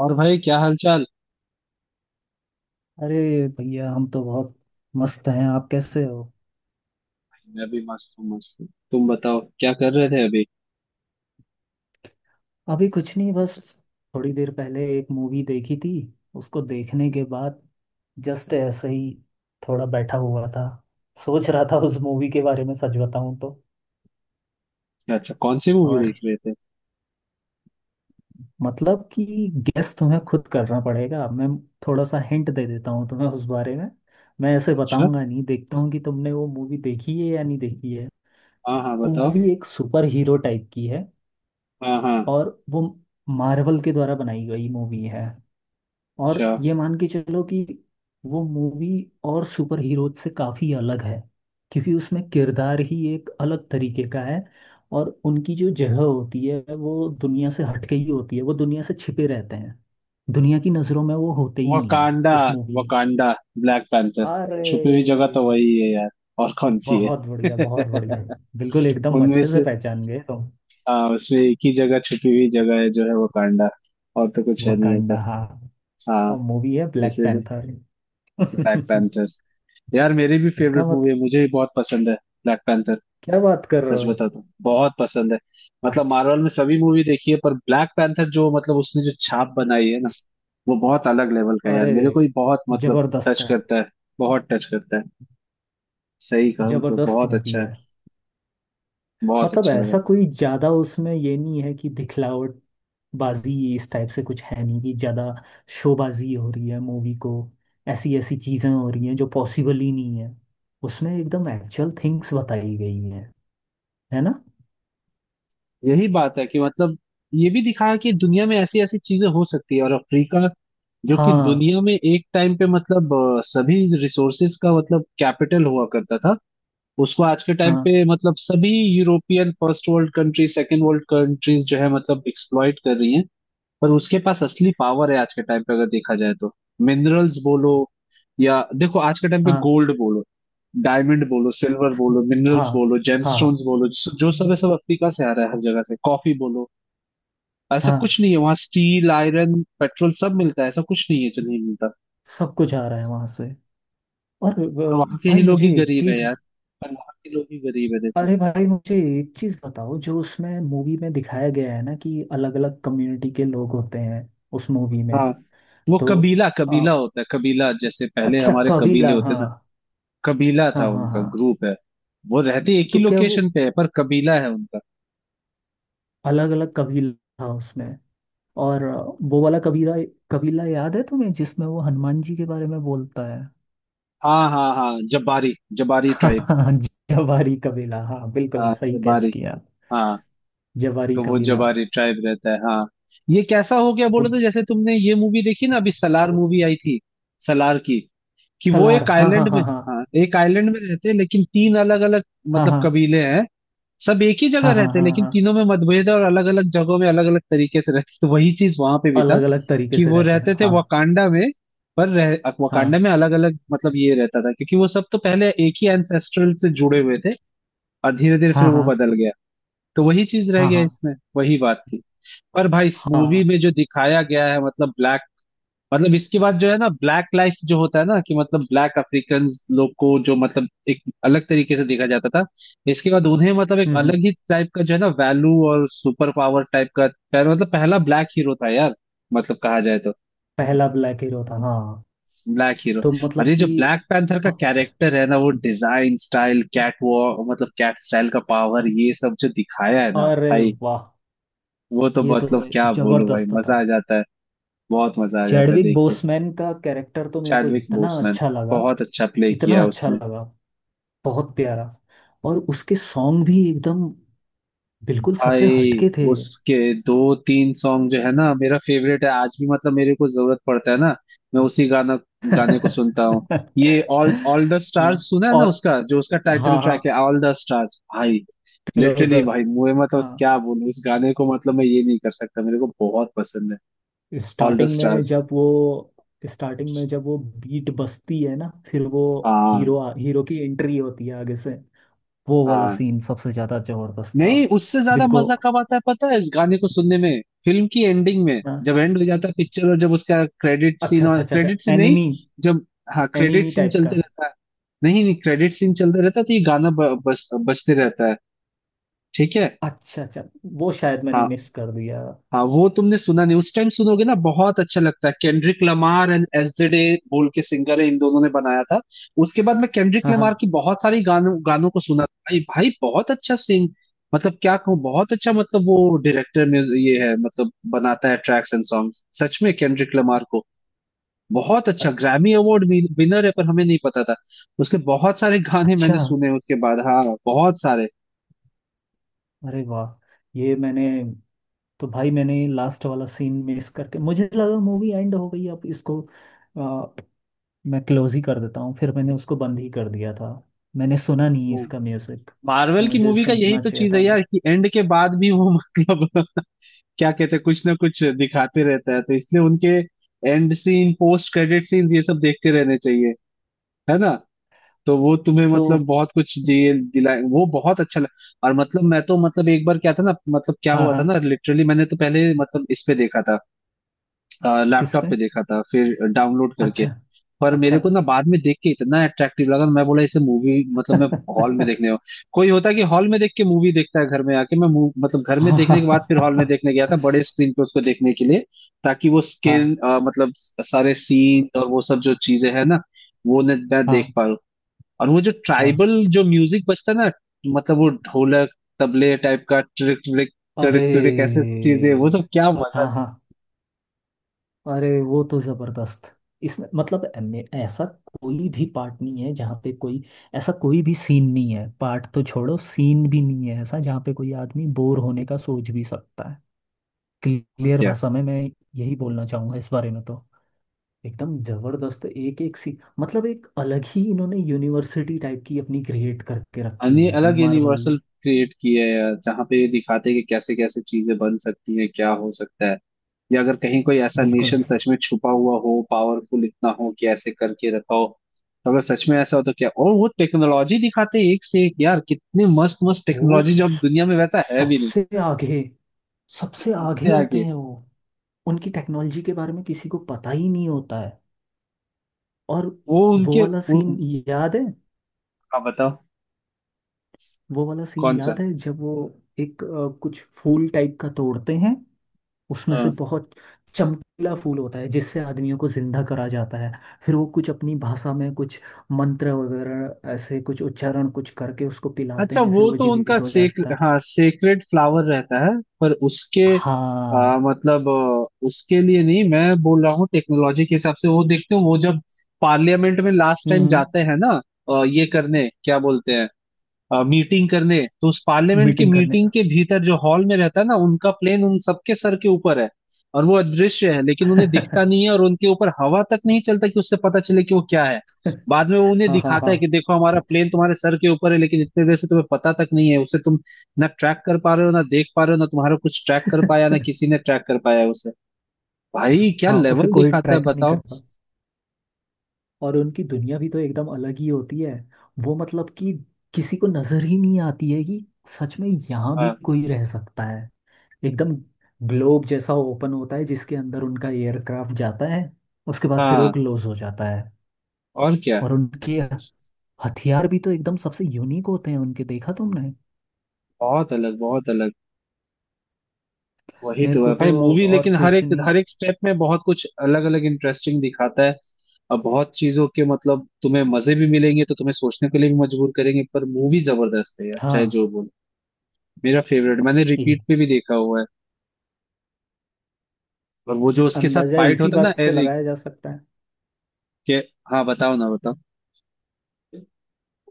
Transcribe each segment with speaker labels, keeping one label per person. Speaker 1: और भाई क्या हालचाल?
Speaker 2: अरे, भैया हम तो बहुत मस्त हैं। आप कैसे हो।
Speaker 1: भाई, मैं भी मस्त हूँ मस्त हूँ। तुम बताओ क्या कर रहे थे अभी?
Speaker 2: अभी कुछ नहीं, बस थोड़ी देर पहले एक मूवी देखी थी। उसको देखने के बाद जस्ट ऐसे ही थोड़ा बैठा हुआ था। सोच रहा था उस मूवी के बारे में, सच बताऊं तो।
Speaker 1: अच्छा अच्छा, कौन सी मूवी
Speaker 2: और
Speaker 1: देख रहे थे?
Speaker 2: मतलब कि गेस तुम्हें खुद करना पड़ेगा। मैं थोड़ा सा हिंट दे देता हूँ तुम्हें उस बारे में। मैं ऐसे
Speaker 1: अच्छा।
Speaker 2: बताऊंगा नहीं, देखता हूँ कि तुमने वो मूवी देखी है या नहीं देखी है।
Speaker 1: हाँ हाँ
Speaker 2: वो
Speaker 1: बताओ।
Speaker 2: मूवी एक सुपर हीरो टाइप की है।
Speaker 1: हाँ हाँ।
Speaker 2: और वो मार्वल के द्वारा बनाई गई मूवी है।
Speaker 1: अच्छा।
Speaker 2: और ये मान के चलो कि वो मूवी और सुपर हीरो से काफ़ी अलग है। क्योंकि उसमें किरदार ही एक अलग तरीके का है। और उनकी जो जगह होती है वो दुनिया से हटके ही होती है। वो दुनिया से छिपे रहते हैं। दुनिया की नज़रों में वो होते ही नहीं है
Speaker 1: वकांडा।
Speaker 2: उस मूवी में।
Speaker 1: वकांडा। Black panther.
Speaker 2: अरे,
Speaker 1: छुपी हुई जगह तो वही है यार। और कौन सी
Speaker 2: बहुत
Speaker 1: है?
Speaker 2: बढ़िया, बहुत बढ़िया। बिल्कुल एकदम
Speaker 1: उनमें
Speaker 2: अच्छे से
Speaker 1: से।
Speaker 2: पहचान गए तुम।
Speaker 1: हाँ, उसमें एक ही जगह छुपी हुई जगह है जो है वकांडा। और तो कुछ है नहीं
Speaker 2: वकांडा,
Speaker 1: ऐसा।
Speaker 2: हाँ।
Speaker 1: हाँ।
Speaker 2: और मूवी है ब्लैक
Speaker 1: इसीलिए।
Speaker 2: पैंथर।
Speaker 1: Black panther. यार मेरी भी
Speaker 2: इसका
Speaker 1: फेवरेट
Speaker 2: मत
Speaker 1: मूवी है, मुझे भी बहुत पसंद है। Black panther.
Speaker 2: क्या बात कर रहे
Speaker 1: सच
Speaker 2: हो।
Speaker 1: बता तो बहुत पसंद है। मतलब
Speaker 2: अच्छा।
Speaker 1: मार्वल में सभी मूवी देखी है, पर ब्लैक पैंथर जो मतलब उसने जो छाप बनाई है ना, वो बहुत अलग लेवल का है यार।
Speaker 2: अरे,
Speaker 1: मेरे को ही बहुत मतलब
Speaker 2: जबरदस्त
Speaker 1: टच
Speaker 2: है।
Speaker 1: करता है। बहुत टच करता है। सही कहूँ तो
Speaker 2: जबरदस्त
Speaker 1: बहुत
Speaker 2: मूवी
Speaker 1: अच्छा है।
Speaker 2: है।
Speaker 1: बहुत
Speaker 2: मतलब
Speaker 1: अच्छा लगा
Speaker 2: ऐसा
Speaker 1: था।
Speaker 2: कोई ज्यादा उसमें ये नहीं है कि दिखलावट बाजी इस टाइप से कुछ है नहीं, कि ज्यादा शोबाजी हो रही है मूवी को। ऐसी ऐसी चीजें हो रही हैं जो पॉसिबल ही नहीं है। उसमें एकदम एक्चुअल थिंग्स बताई गई हैं। है ना।
Speaker 1: यही बात है कि मतलब ये भी दिखाया कि दुनिया में ऐसी ऐसी चीजें हो सकती है। और अफ्रीका, जो कि
Speaker 2: हाँ,
Speaker 1: दुनिया में एक टाइम पे मतलब सभी रिसोर्सेज का मतलब कैपिटल हुआ करता था। उसको आज के टाइम
Speaker 2: हाँ।
Speaker 1: पे मतलब सभी European first world country, second world countries जो है मतलब एक्सप्लॉइट कर रही हैं। पर उसके पास असली पावर है आज के टाइम पे अगर देखा जाए तो। मिनरल्स बोलो, या देखो आज के टाइम पे
Speaker 2: हाँ,
Speaker 1: गोल्ड बोलो, डायमंड बोलो, सिल्वर बोलो,
Speaker 2: हाँ।
Speaker 1: मिनरल्स बोलो, जेमस्टोन्स
Speaker 2: हाँ,
Speaker 1: बोलो, जो जो सब है सब अफ्रीका से आ रहा है। हर जगह से कॉफी बोलो। ऐसा
Speaker 2: हाँ।
Speaker 1: कुछ नहीं है वहाँ, स्टील, आयरन, पेट्रोल सब मिलता है। ऐसा कुछ नहीं है जो नहीं मिलता।
Speaker 2: सब कुछ आ रहा है वहां से। और
Speaker 1: पर वहाँ के
Speaker 2: भाई
Speaker 1: ही लोग ही
Speaker 2: मुझे एक
Speaker 1: गरीब है
Speaker 2: चीज,
Speaker 1: यार। पर वहाँ के लोग ही गरीब है, देखो।
Speaker 2: अरे भाई मुझे एक चीज बताओ, जो उसमें मूवी में दिखाया गया है ना कि अलग अलग कम्युनिटी के लोग होते हैं उस मूवी में।
Speaker 1: हाँ। वो
Speaker 2: तो
Speaker 1: कबीला
Speaker 2: आ,
Speaker 1: कबीला होता है, कबीला जैसे पहले
Speaker 2: अच्छा,
Speaker 1: हमारे कबीले
Speaker 2: कबीला,
Speaker 1: होते
Speaker 2: हाँ।
Speaker 1: ना। कबीला
Speaker 2: हाँ,
Speaker 1: था
Speaker 2: हाँ,
Speaker 1: उनका,
Speaker 2: हाँ।
Speaker 1: ग्रुप है। वो रहते एक ही
Speaker 2: तो क्या वो
Speaker 1: लोकेशन पे है पर कबीला है उनका।
Speaker 2: अलग अलग कबीला था उसमें। और वो वाला कबीला, कबीला याद है तुम्हें जिसमें वो हनुमान जी के बारे में बोलता है।
Speaker 1: हाँ हाँ हाँ, जबारी जबारी ट्राइब।
Speaker 2: हाँ। जवारी कबीला, हाँ, बिल्कुल
Speaker 1: हाँ
Speaker 2: सही कैच
Speaker 1: जबारी।
Speaker 2: किया।
Speaker 1: हाँ।
Speaker 2: जवारी
Speaker 1: तो वो
Speaker 2: कबीला।
Speaker 1: जबारी ट्राइब रहता है, हाँ। ये कैसा हो गया
Speaker 2: वो
Speaker 1: बोलो तो, जैसे तुमने ये मूवी देखी ना, अभी सलार मूवी आई थी। सलार की, कि वो
Speaker 2: सलार,
Speaker 1: एक
Speaker 2: हाँ, हाँ,
Speaker 1: आइलैंड में।
Speaker 2: हाँ, हाँ।
Speaker 1: हाँ, एक आइलैंड में रहते हैं लेकिन तीन अलग अलग
Speaker 2: हाँ,
Speaker 1: मतलब
Speaker 2: हाँ।
Speaker 1: कबीले हैं। सब एक ही जगह
Speaker 2: हाँ, हाँ,
Speaker 1: रहते
Speaker 2: हाँ,
Speaker 1: लेकिन
Speaker 2: हाँ।
Speaker 1: तीनों में मतभेद है और अलग अलग जगहों में अलग अलग तरीके से रहते। तो वही चीज वहां पे भी था।
Speaker 2: अलग अलग तरीके
Speaker 1: कि
Speaker 2: से
Speaker 1: वो
Speaker 2: रहते हैं,
Speaker 1: रहते थे
Speaker 2: हाँ।
Speaker 1: वकांडा में। पर रह वकांडा
Speaker 2: हाँ,
Speaker 1: में अलग अलग मतलब ये रहता था क्योंकि वो सब तो पहले एक ही एंसेस्ट्रल से जुड़े हुए थे। और धीरे धीरे फिर
Speaker 2: हाँ,
Speaker 1: वो
Speaker 2: हाँ।
Speaker 1: बदल गया। तो वही चीज रह
Speaker 2: हाँ,
Speaker 1: गया
Speaker 2: हाँ,
Speaker 1: इसमें, वही बात थी। पर भाई मूवी
Speaker 2: हाँ।
Speaker 1: में जो दिखाया गया है, मतलब ब्लैक, मतलब इसके बाद जो है ना ब्लैक लाइफ जो होता है ना, कि मतलब ब्लैक अफ्रीकन लोग को जो मतलब एक अलग तरीके से देखा जाता था, इसके बाद उन्हें मतलब एक
Speaker 2: हम्म, हम्म।
Speaker 1: अलग ही टाइप का जो है ना वैल्यू और सुपर पावर टाइप का। मतलब पहला ब्लैक हीरो था यार, मतलब कहा जाए तो।
Speaker 2: पहला ब्लैक हीरो था, हाँ।
Speaker 1: Black hero.
Speaker 2: तो
Speaker 1: और
Speaker 2: मतलब
Speaker 1: ये जो
Speaker 2: कि
Speaker 1: ब्लैक पैंथर का
Speaker 2: अ-
Speaker 1: कैरेक्टर है ना, वो डिजाइन स्टाइल, कैट वॉक मतलब कैट स्टाइल का पावर, ये सब जो दिखाया है ना
Speaker 2: अरे
Speaker 1: भाई,
Speaker 2: वाह,
Speaker 1: वो तो
Speaker 2: ये तो
Speaker 1: मतलब क्या बोलूं भाई,
Speaker 2: जबरदस्त था।
Speaker 1: मजा आ जाता है। बहुत मजा आ जाता है
Speaker 2: चैडविक
Speaker 1: देख के।
Speaker 2: बोसमैन का कैरेक्टर तो मेरे को
Speaker 1: चैडविक
Speaker 2: इतना
Speaker 1: बोसमैन,
Speaker 2: अच्छा लगा,
Speaker 1: बहुत अच्छा प्ले
Speaker 2: इतना
Speaker 1: किया
Speaker 2: अच्छा
Speaker 1: उसने।
Speaker 2: लगा, बहुत प्यारा। और उसके सॉन्ग भी एकदम बिल्कुल सबसे
Speaker 1: भाई
Speaker 2: हटके थे।
Speaker 1: उसके दो तीन सॉन्ग जो है ना, मेरा फेवरेट है आज भी। मतलब मेरे को जरूरत पड़ता है ना, मैं उसी गाना गाने को सुनता हूँ। ये ऑल ऑल द
Speaker 2: हाँ।
Speaker 1: स्टार्स सुना है ना
Speaker 2: और,
Speaker 1: उसका, जो उसका टाइटल
Speaker 2: हाँ, हाँ,
Speaker 1: ट्रैक है ऑल द स्टार्स भाई। Literally
Speaker 2: closer.
Speaker 1: भाई मुझे मतलब
Speaker 2: हाँ।
Speaker 1: क्या बोलूं उस गाने को, मतलब मैं ये नहीं कर सकता, मेरे को बहुत पसंद है। ऑल द
Speaker 2: स्टार्टिंग में
Speaker 1: स्टार्स।
Speaker 2: जब वो स्टार्टिंग में जब वो बीट बजती है ना, फिर वो
Speaker 1: हाँ
Speaker 2: हीरो हीरो की एंट्री होती है आगे से। वो वाला
Speaker 1: हाँ।
Speaker 2: सीन सबसे ज्यादा जबरदस्त था।
Speaker 1: नहीं, उससे ज्यादा
Speaker 2: दिल को,
Speaker 1: मजा कब आता है पता है इस गाने को सुनने में? फिल्म की एंडिंग में
Speaker 2: हाँ।
Speaker 1: जब एंड हो जाता है पिक्चर, और जब उसका क्रेडिट सीन,
Speaker 2: अच्छा,
Speaker 1: और
Speaker 2: अच्छा, अच्छा, अच्छा,
Speaker 1: क्रेडिट सीन नहीं,
Speaker 2: एनिमी,
Speaker 1: जब, हाँ, क्रेडिट
Speaker 2: एनिमी
Speaker 1: सीन
Speaker 2: टाइप का।
Speaker 1: चलते रहता है। नहीं नहीं, क्रेडिट सीन चलते रहता है तो ये गाना बस बजते रहता है। ठीक है।
Speaker 2: अच्छा, अच्छा। वो शायद मैंने मिस
Speaker 1: हाँ।
Speaker 2: कर दिया।
Speaker 1: हाँ वो तुमने सुना नहीं, उस टाइम सुनोगे ना बहुत अच्छा लगता है। केंड्रिक लमार एंड एसजेडे बोल के सिंगर है, इन दोनों ने बनाया था। उसके बाद मैं केंड्रिक
Speaker 2: हाँ, हाँ।
Speaker 1: लमार की बहुत सारी गानों गानों को सुना भाई। भाई बहुत अच्छा सिंग, मतलब क्या कहूँ, बहुत अच्छा। मतलब वो डायरेक्टर में ये है मतलब, बनाता है ट्रैक्स एंड सॉन्ग। सच में केंड्रिक लमार को, बहुत
Speaker 2: अ-
Speaker 1: अच्छा, ग्रैमी अवार्ड विनर है पर हमें नहीं पता था। उसके बहुत सारे गाने
Speaker 2: अच्छा।
Speaker 1: मैंने सुने उसके बाद, हाँ बहुत सारे।
Speaker 2: अरे वाह। ये मैंने तो भाई मैंने लास्ट वाला सीन मिस करके मुझे लगा मूवी एंड हो गई, अब इसको मैं क्लोज ही कर देता हूँ। फिर मैंने उसको बंद ही कर दिया था। मैंने सुना नहीं इसका म्यूजिक।
Speaker 1: मार्वल की
Speaker 2: मुझे
Speaker 1: मूवी का यही
Speaker 2: सुनना
Speaker 1: तो
Speaker 2: चाहिए
Speaker 1: चीज है
Speaker 2: था।
Speaker 1: यार, कि एंड के बाद भी वो मतलब क्या कहते हैं, कुछ ना कुछ दिखाते रहता है। तो इसलिए उनके end scene, post credit scenes, ये सब देखते रहने चाहिए, है ना। तो वो तुम्हें
Speaker 2: तो
Speaker 1: मतलब बहुत कुछ दिए दिलाए, वो बहुत अच्छा लग। और मतलब मैं तो मतलब एक बार क्या था ना, मतलब क्या
Speaker 2: हाँ,
Speaker 1: हुआ था
Speaker 2: हाँ।
Speaker 1: ना, लिटरली मैंने तो पहले मतलब इस पे देखा था,
Speaker 2: किस
Speaker 1: लैपटॉप
Speaker 2: में।
Speaker 1: पे देखा था फिर डाउनलोड करके।
Speaker 2: अच्छा,
Speaker 1: पर
Speaker 2: अच्छा।
Speaker 1: मेरे को ना बाद में देख के इतना अट्रैक्टिव लगा, मैं बोला इसे मूवी मतलब मैं हॉल में देखने, कोई होता कि हॉल में देख के मूवी देखता है घर में आके, मैं मूव मतलब घर में
Speaker 2: हाँ,
Speaker 1: देखने के बाद फिर हॉल में
Speaker 2: हाँ,
Speaker 1: देखने गया था, बड़े स्क्रीन पे उसको देखने के लिए। ताकि वो
Speaker 2: हाँ,
Speaker 1: स्क्रीन मतलब सारे सीन और वो सब जो चीजें है ना वो मैं देख
Speaker 2: हाँ,
Speaker 1: पा रहा। और वो जो
Speaker 2: हाँ।
Speaker 1: ट्राइबल जो म्यूजिक बजता है ना, मतलब वो ढोलक तबले टाइप का, ट्रिक ट्रिक
Speaker 2: अरे,
Speaker 1: ट्रिक ट्रिक ऐसे चीजें, वो सब क्या मजा
Speaker 2: हाँ,
Speaker 1: देता
Speaker 2: हाँ। अरे, वो तो जबरदस्त। इसमें मतलब ऐसा कोई भी पार्ट नहीं है जहाँ पे कोई ऐसा कोई भी सीन नहीं है। पार्ट तो छोड़ो, सीन भी नहीं है ऐसा जहाँ पे कोई आदमी बोर होने का सोच भी सकता है।
Speaker 1: है
Speaker 2: क्लियर
Speaker 1: क्या।
Speaker 2: भाषा में मैं यही बोलना चाहूंगा इस बारे में। तो एकदम जबरदस्त, एक एक सी मतलब एक अलग ही इन्होंने यूनिवर्सिटी टाइप की अपनी क्रिएट करके रखी
Speaker 1: अन्य
Speaker 2: हुई थी
Speaker 1: अलग
Speaker 2: मार्वल
Speaker 1: यूनिवर्सल
Speaker 2: ने।
Speaker 1: क्रिएट किया है यार, जहाँ पे ये दिखाते हैं कि कैसे कैसे चीजें बन सकती हैं, क्या हो सकता है, या अगर कहीं कोई ऐसा
Speaker 2: बिल्कुल।
Speaker 1: नेशन सच में छुपा हुआ हो, पावरफुल इतना हो कि ऐसे करके रखा हो, तो अगर सच में ऐसा हो तो क्या। और वो टेक्नोलॉजी दिखाते हैं एक से एक यार, कितने मस्त मस्त
Speaker 2: वो
Speaker 1: टेक्नोलॉजी, जो अब
Speaker 2: स-
Speaker 1: दुनिया में वैसा है भी नहीं।
Speaker 2: सबसे आगे, सबसे आगे
Speaker 1: सबसे
Speaker 2: होते
Speaker 1: आगे।
Speaker 2: हैं वो। उनकी टेक्नोलॉजी के बारे में किसी को पता ही नहीं होता है। और
Speaker 1: वो
Speaker 2: वो
Speaker 1: उनके
Speaker 2: वाला
Speaker 1: उ,
Speaker 2: सीन
Speaker 1: उ-
Speaker 2: याद है
Speaker 1: हाँ बताओ।
Speaker 2: वो वाला सीन
Speaker 1: कौन सा?
Speaker 2: याद है जब वो एक कुछ फूल टाइप का तोड़ते हैं। उसमें से
Speaker 1: हाँ।
Speaker 2: बहुत चमकीला फूल होता है जिससे आदमियों को जिंदा करा जाता है। फिर वो कुछ अपनी भाषा में कुछ मंत्र वगैरह ऐसे कुछ उच्चारण कुछ करके उसको पिलाते
Speaker 1: अच्छा
Speaker 2: हैं, फिर
Speaker 1: वो
Speaker 2: वो
Speaker 1: तो उनका
Speaker 2: जीवित हो
Speaker 1: सेक
Speaker 2: जाता है।
Speaker 1: हाँ सेक्रेड फ्लावर रहता है। पर उसके
Speaker 2: हाँ।
Speaker 1: मतलब उसके लिए नहीं मैं बोल रहा हूँ, टेक्नोलॉजी के हिसाब से। वो देखते हो वो जब पार्लियामेंट में लास्ट टाइम
Speaker 2: हम्म
Speaker 1: जाते हैं ना, ये करने क्या बोलते हैं, मीटिंग करने, तो उस पार्लियामेंट की
Speaker 2: मीटिंग करने।
Speaker 1: मीटिंग के भीतर जो हॉल में रहता है ना, उनका प्लेन उन सबके सर के ऊपर है। और वो अदृश्य है, लेकिन उन्हें दिखता नहीं है और उनके ऊपर हवा तक नहीं चलता कि उससे पता चले कि वो क्या है। बाद में वो उन्हें
Speaker 2: हाँ, हाँ,
Speaker 1: दिखाता है कि
Speaker 2: हाँ।
Speaker 1: देखो हमारा प्लेन तुम्हारे सर के ऊपर है, लेकिन इतने देर से तुम्हें पता तक नहीं है। उसे तुम ना ट्रैक कर पा रहे हो, ना देख पा रहे हो, ना तुम्हारा कुछ ट्रैक कर पाया, ना किसी ने ट्रैक कर पाया है उसे। भाई क्या
Speaker 2: हाँ, उसे
Speaker 1: लेवल
Speaker 2: कोई
Speaker 1: दिखाता है
Speaker 2: ट्रैक नहीं
Speaker 1: बताओ।
Speaker 2: करता। और उनकी दुनिया भी तो एकदम अलग ही होती है। वो मतलब कि किसी को नजर ही नहीं आती है कि सच में यहाँ भी
Speaker 1: हाँ
Speaker 2: कोई रह सकता है। एकदम ग्लोब जैसा ओपन होता है जिसके अंदर उनका एयरक्राफ्ट जाता है। उसके बाद फिर वो
Speaker 1: हाँ।
Speaker 2: क्लोज हो जाता है।
Speaker 1: और क्या।
Speaker 2: और उनके हथियार भी तो एकदम सबसे यूनिक होते हैं उनके, देखा तुमने।
Speaker 1: बहुत अलग बहुत अलग। वही
Speaker 2: मेरे
Speaker 1: तो है
Speaker 2: को तो
Speaker 1: भाई मूवी,
Speaker 2: और
Speaker 1: लेकिन
Speaker 2: कुछ नहीं।
Speaker 1: हर एक स्टेप में बहुत कुछ अलग अलग इंटरेस्टिंग दिखाता है। और बहुत चीजों के मतलब तुम्हें मजे भी मिलेंगे, तो तुम्हें सोचने के लिए भी मजबूर करेंगे। पर मूवी जबरदस्त है यार, चाहे
Speaker 2: हाँ।
Speaker 1: जो बोलो। मेरा फेवरेट, मैंने
Speaker 2: एक
Speaker 1: रिपीट पे भी देखा हुआ है। और वो जो उसके साथ
Speaker 2: अंदाजा
Speaker 1: फाइट
Speaker 2: इसी
Speaker 1: होता है ना,
Speaker 2: बात से
Speaker 1: एरिक
Speaker 2: लगाया जा सकता है।
Speaker 1: के। हाँ बताओ ना, बताओ।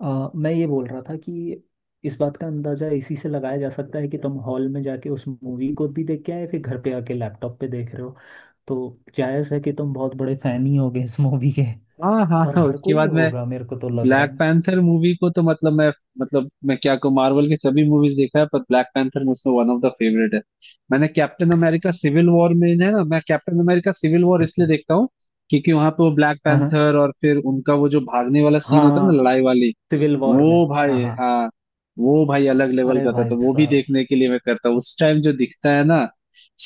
Speaker 2: मैं ये बोल रहा था कि इस बात का अंदाजा इसी से लगाया जा सकता है कि तुम हॉल में जाके उस मूवी को भी देख के आए, फिर घर पे आके लैपटॉप पे देख रहे हो। तो जायज़ है कि तुम बहुत बड़े फैन ही होगे इस मूवी के।
Speaker 1: हाँ हाँ
Speaker 2: और
Speaker 1: हाँ,
Speaker 2: हर
Speaker 1: उसके
Speaker 2: कोई
Speaker 1: बाद में।
Speaker 2: होगा, मेरे को तो लग रहा
Speaker 1: ब्लैक
Speaker 2: है।
Speaker 1: पैंथर मूवी को तो मतलब मैं, मतलब मैं क्या कहूँ, मार्वल की सभी मूवीज देखा है पर ब्लैक पैंथर मुझसे वन ऑफ द फेवरेट है। मैंने कैप्टन अमेरिका सिविल वॉर में है ना, मैं कैप्टन अमेरिका सिविल वॉर इसलिए देखता हूँ क्योंकि वहां पे वो ब्लैक
Speaker 2: हाँ, हाँ,
Speaker 1: पैंथर, और फिर उनका वो जो भागने वाला
Speaker 2: हाँ।
Speaker 1: सीन होता है ना,
Speaker 2: हाँ,
Speaker 1: लड़ाई वाली।
Speaker 2: सिविल वॉर में।
Speaker 1: वो
Speaker 2: हाँ,
Speaker 1: भाई
Speaker 2: हाँ।
Speaker 1: हाँ। वो भाई अलग लेवल
Speaker 2: अरे
Speaker 1: का था,
Speaker 2: भाई
Speaker 1: तो वो भी
Speaker 2: साहब।
Speaker 1: देखने के लिए मैं करता हूँ। उस टाइम जो दिखता है ना,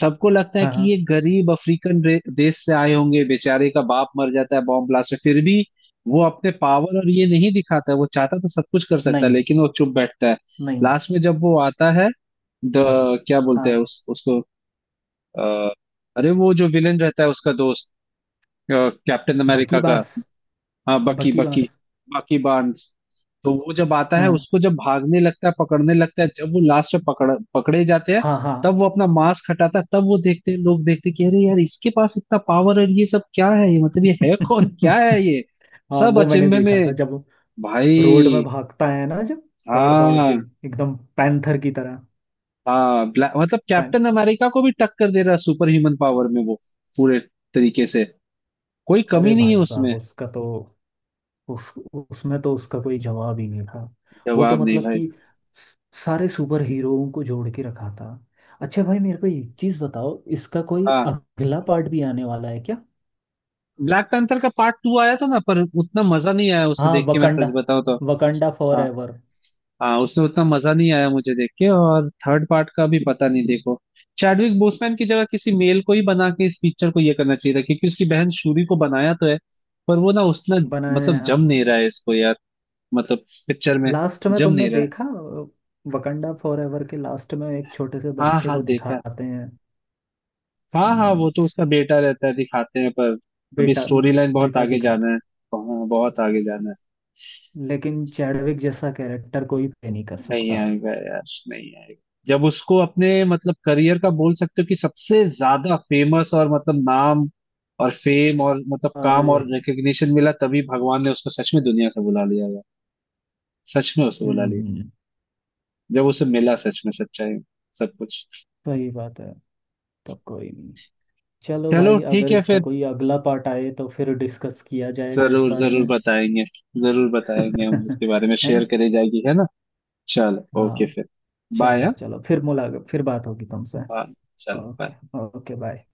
Speaker 1: सबको लगता है
Speaker 2: हाँ,
Speaker 1: कि
Speaker 2: हाँ।
Speaker 1: ये गरीब अफ्रीकन देश से आए होंगे, बेचारे का बाप मर जाता है बॉम्ब ब्लास्ट में, फिर भी वो अपने पावर और ये नहीं दिखाता है। वो चाहता तो सब कुछ कर सकता है
Speaker 2: नहीं,
Speaker 1: लेकिन वो चुप बैठता है।
Speaker 2: नहीं।
Speaker 1: लास्ट में जब वो आता है, द, क्या बोलते हैं
Speaker 2: हाँ,
Speaker 1: उस, उसको अ, अरे वो जो विलेन रहता है उसका दोस्त, कैप्टन
Speaker 2: बकी
Speaker 1: अमेरिका का,
Speaker 2: बास,
Speaker 1: हाँ बकी,
Speaker 2: बकी
Speaker 1: बकी,
Speaker 2: बास।
Speaker 1: बकी बार्न्स। तो वो जब आता है
Speaker 2: हाँ,
Speaker 1: उसको, जब भागने लगता है, पकड़ने लगता है, जब वो लास्ट में पकड़ पकड़े जाते हैं,
Speaker 2: हाँ, हाँ।
Speaker 1: तब वो अपना मास्क हटाता है, तब वो देखते हैं, लोग देखते हैं कि अरे यार इसके पास इतना पावर है, ये सब क्या है ये, मतलब ये है कौन, क्या है ये,
Speaker 2: हाँ,
Speaker 1: सब
Speaker 2: वो मैंने
Speaker 1: अचंभे
Speaker 2: देखा
Speaker 1: में।
Speaker 2: था जब रोड में
Speaker 1: भाई।
Speaker 2: भागता है ना, जब दौड़ दौड़ के
Speaker 1: हाँ।
Speaker 2: एकदम पैंथर की तरह।
Speaker 1: हाँ ब्लैक मतलब
Speaker 2: पैं
Speaker 1: कैप्टन अमेरिका को भी टक्कर दे रहा है सुपर ह्यूमन पावर में, वो पूरे तरीके से। कोई
Speaker 2: अरे
Speaker 1: कमी नहीं है
Speaker 2: भाई साहब,
Speaker 1: उसमें।
Speaker 2: उसका तो, उस उसमें तो उसका कोई जवाब ही नहीं था। वो तो
Speaker 1: जवाब नहीं
Speaker 2: मतलब
Speaker 1: भाई।
Speaker 2: कि स- सारे सुपर हीरोओं को जोड़ के रखा था। अच्छा भाई, मेरे को एक चीज बताओ, इसका कोई
Speaker 1: हाँ।
Speaker 2: अगला पार्ट भी आने वाला है क्या।
Speaker 1: ब्लैक पैंथर का पार्ट टू आया था ना, पर उतना मजा नहीं आया उसे
Speaker 2: हाँ,
Speaker 1: देख के, मैं सच
Speaker 2: वकंडा,
Speaker 1: बताऊं तो।
Speaker 2: वकंडा फॉर
Speaker 1: हाँ।
Speaker 2: एवर।
Speaker 1: हाँ उसमें उतना मजा नहीं आया मुझे देख के, और थर्ड पार्ट का भी पता नहीं, देखो। चैडविक बोसमैन की जगह किसी मेल को ही बना के इस पिक्चर को ये करना चाहिए था, क्योंकि उसकी बहन शूरी को बनाया तो है, पर वो ना उसना
Speaker 2: बनाया है,
Speaker 1: मतलब
Speaker 2: हाँ।
Speaker 1: जम नहीं रहा है इसको यार। मतलब पिक्चर में
Speaker 2: लास्ट में
Speaker 1: जम
Speaker 2: तुमने
Speaker 1: नहीं रहा है।
Speaker 2: देखा, वकंडा फॉर एवर के लास्ट में एक छोटे से
Speaker 1: हाँ
Speaker 2: बच्चे
Speaker 1: हाँ
Speaker 2: को
Speaker 1: देखा।
Speaker 2: दिखाते हैं।
Speaker 1: हाँ हाँ,
Speaker 2: हम्म।
Speaker 1: वो तो उसका बेटा रहता है दिखाते हैं, पर अभी
Speaker 2: बेटा
Speaker 1: स्टोरी लाइन बहुत
Speaker 2: बेटा
Speaker 1: आगे जाना है,
Speaker 2: दिखाता
Speaker 1: हाँ, बहुत आगे जाना
Speaker 2: है लेकिन चैडविक जैसा कैरेक्टर कोई प्ले नहीं कर
Speaker 1: है। नहीं
Speaker 2: सकता।
Speaker 1: आएगा यार। नहीं आएगा। जब उसको अपने मतलब करियर का बोल सकते हो कि सबसे ज्यादा फेमस, और मतलब नाम और फेम और मतलब काम
Speaker 2: अरे।
Speaker 1: और रिकग्निशन मिला, तभी भगवान ने उसको सच में दुनिया से बुला लिया यार। सच में उसे बुला लिया।
Speaker 2: हम्म।
Speaker 1: जब उसे मिला सच में सच्चाई, सब कुछ।
Speaker 2: सही बात है। तो कोई नहीं, चलो
Speaker 1: चलो
Speaker 2: भाई, अगर
Speaker 1: ठीक है
Speaker 2: इसका
Speaker 1: फिर।
Speaker 2: कोई अगला पार्ट आए तो फिर डिस्कस किया जाएगा इस
Speaker 1: जरूर
Speaker 2: बारे
Speaker 1: जरूर
Speaker 2: में।
Speaker 1: बताएंगे। जरूर बताएंगे हम इसके बारे में,
Speaker 2: है
Speaker 1: शेयर
Speaker 2: ना।
Speaker 1: करी जाएगी, है ना। चलो ओके
Speaker 2: हाँ।
Speaker 1: फिर। बाय,
Speaker 2: चलो,
Speaker 1: हाँ।
Speaker 2: चलो फिर मुलाकात, फिर बात होगी तुमसे।
Speaker 1: Bye, चलो
Speaker 2: ओके।
Speaker 1: bye.
Speaker 2: Okay, bye.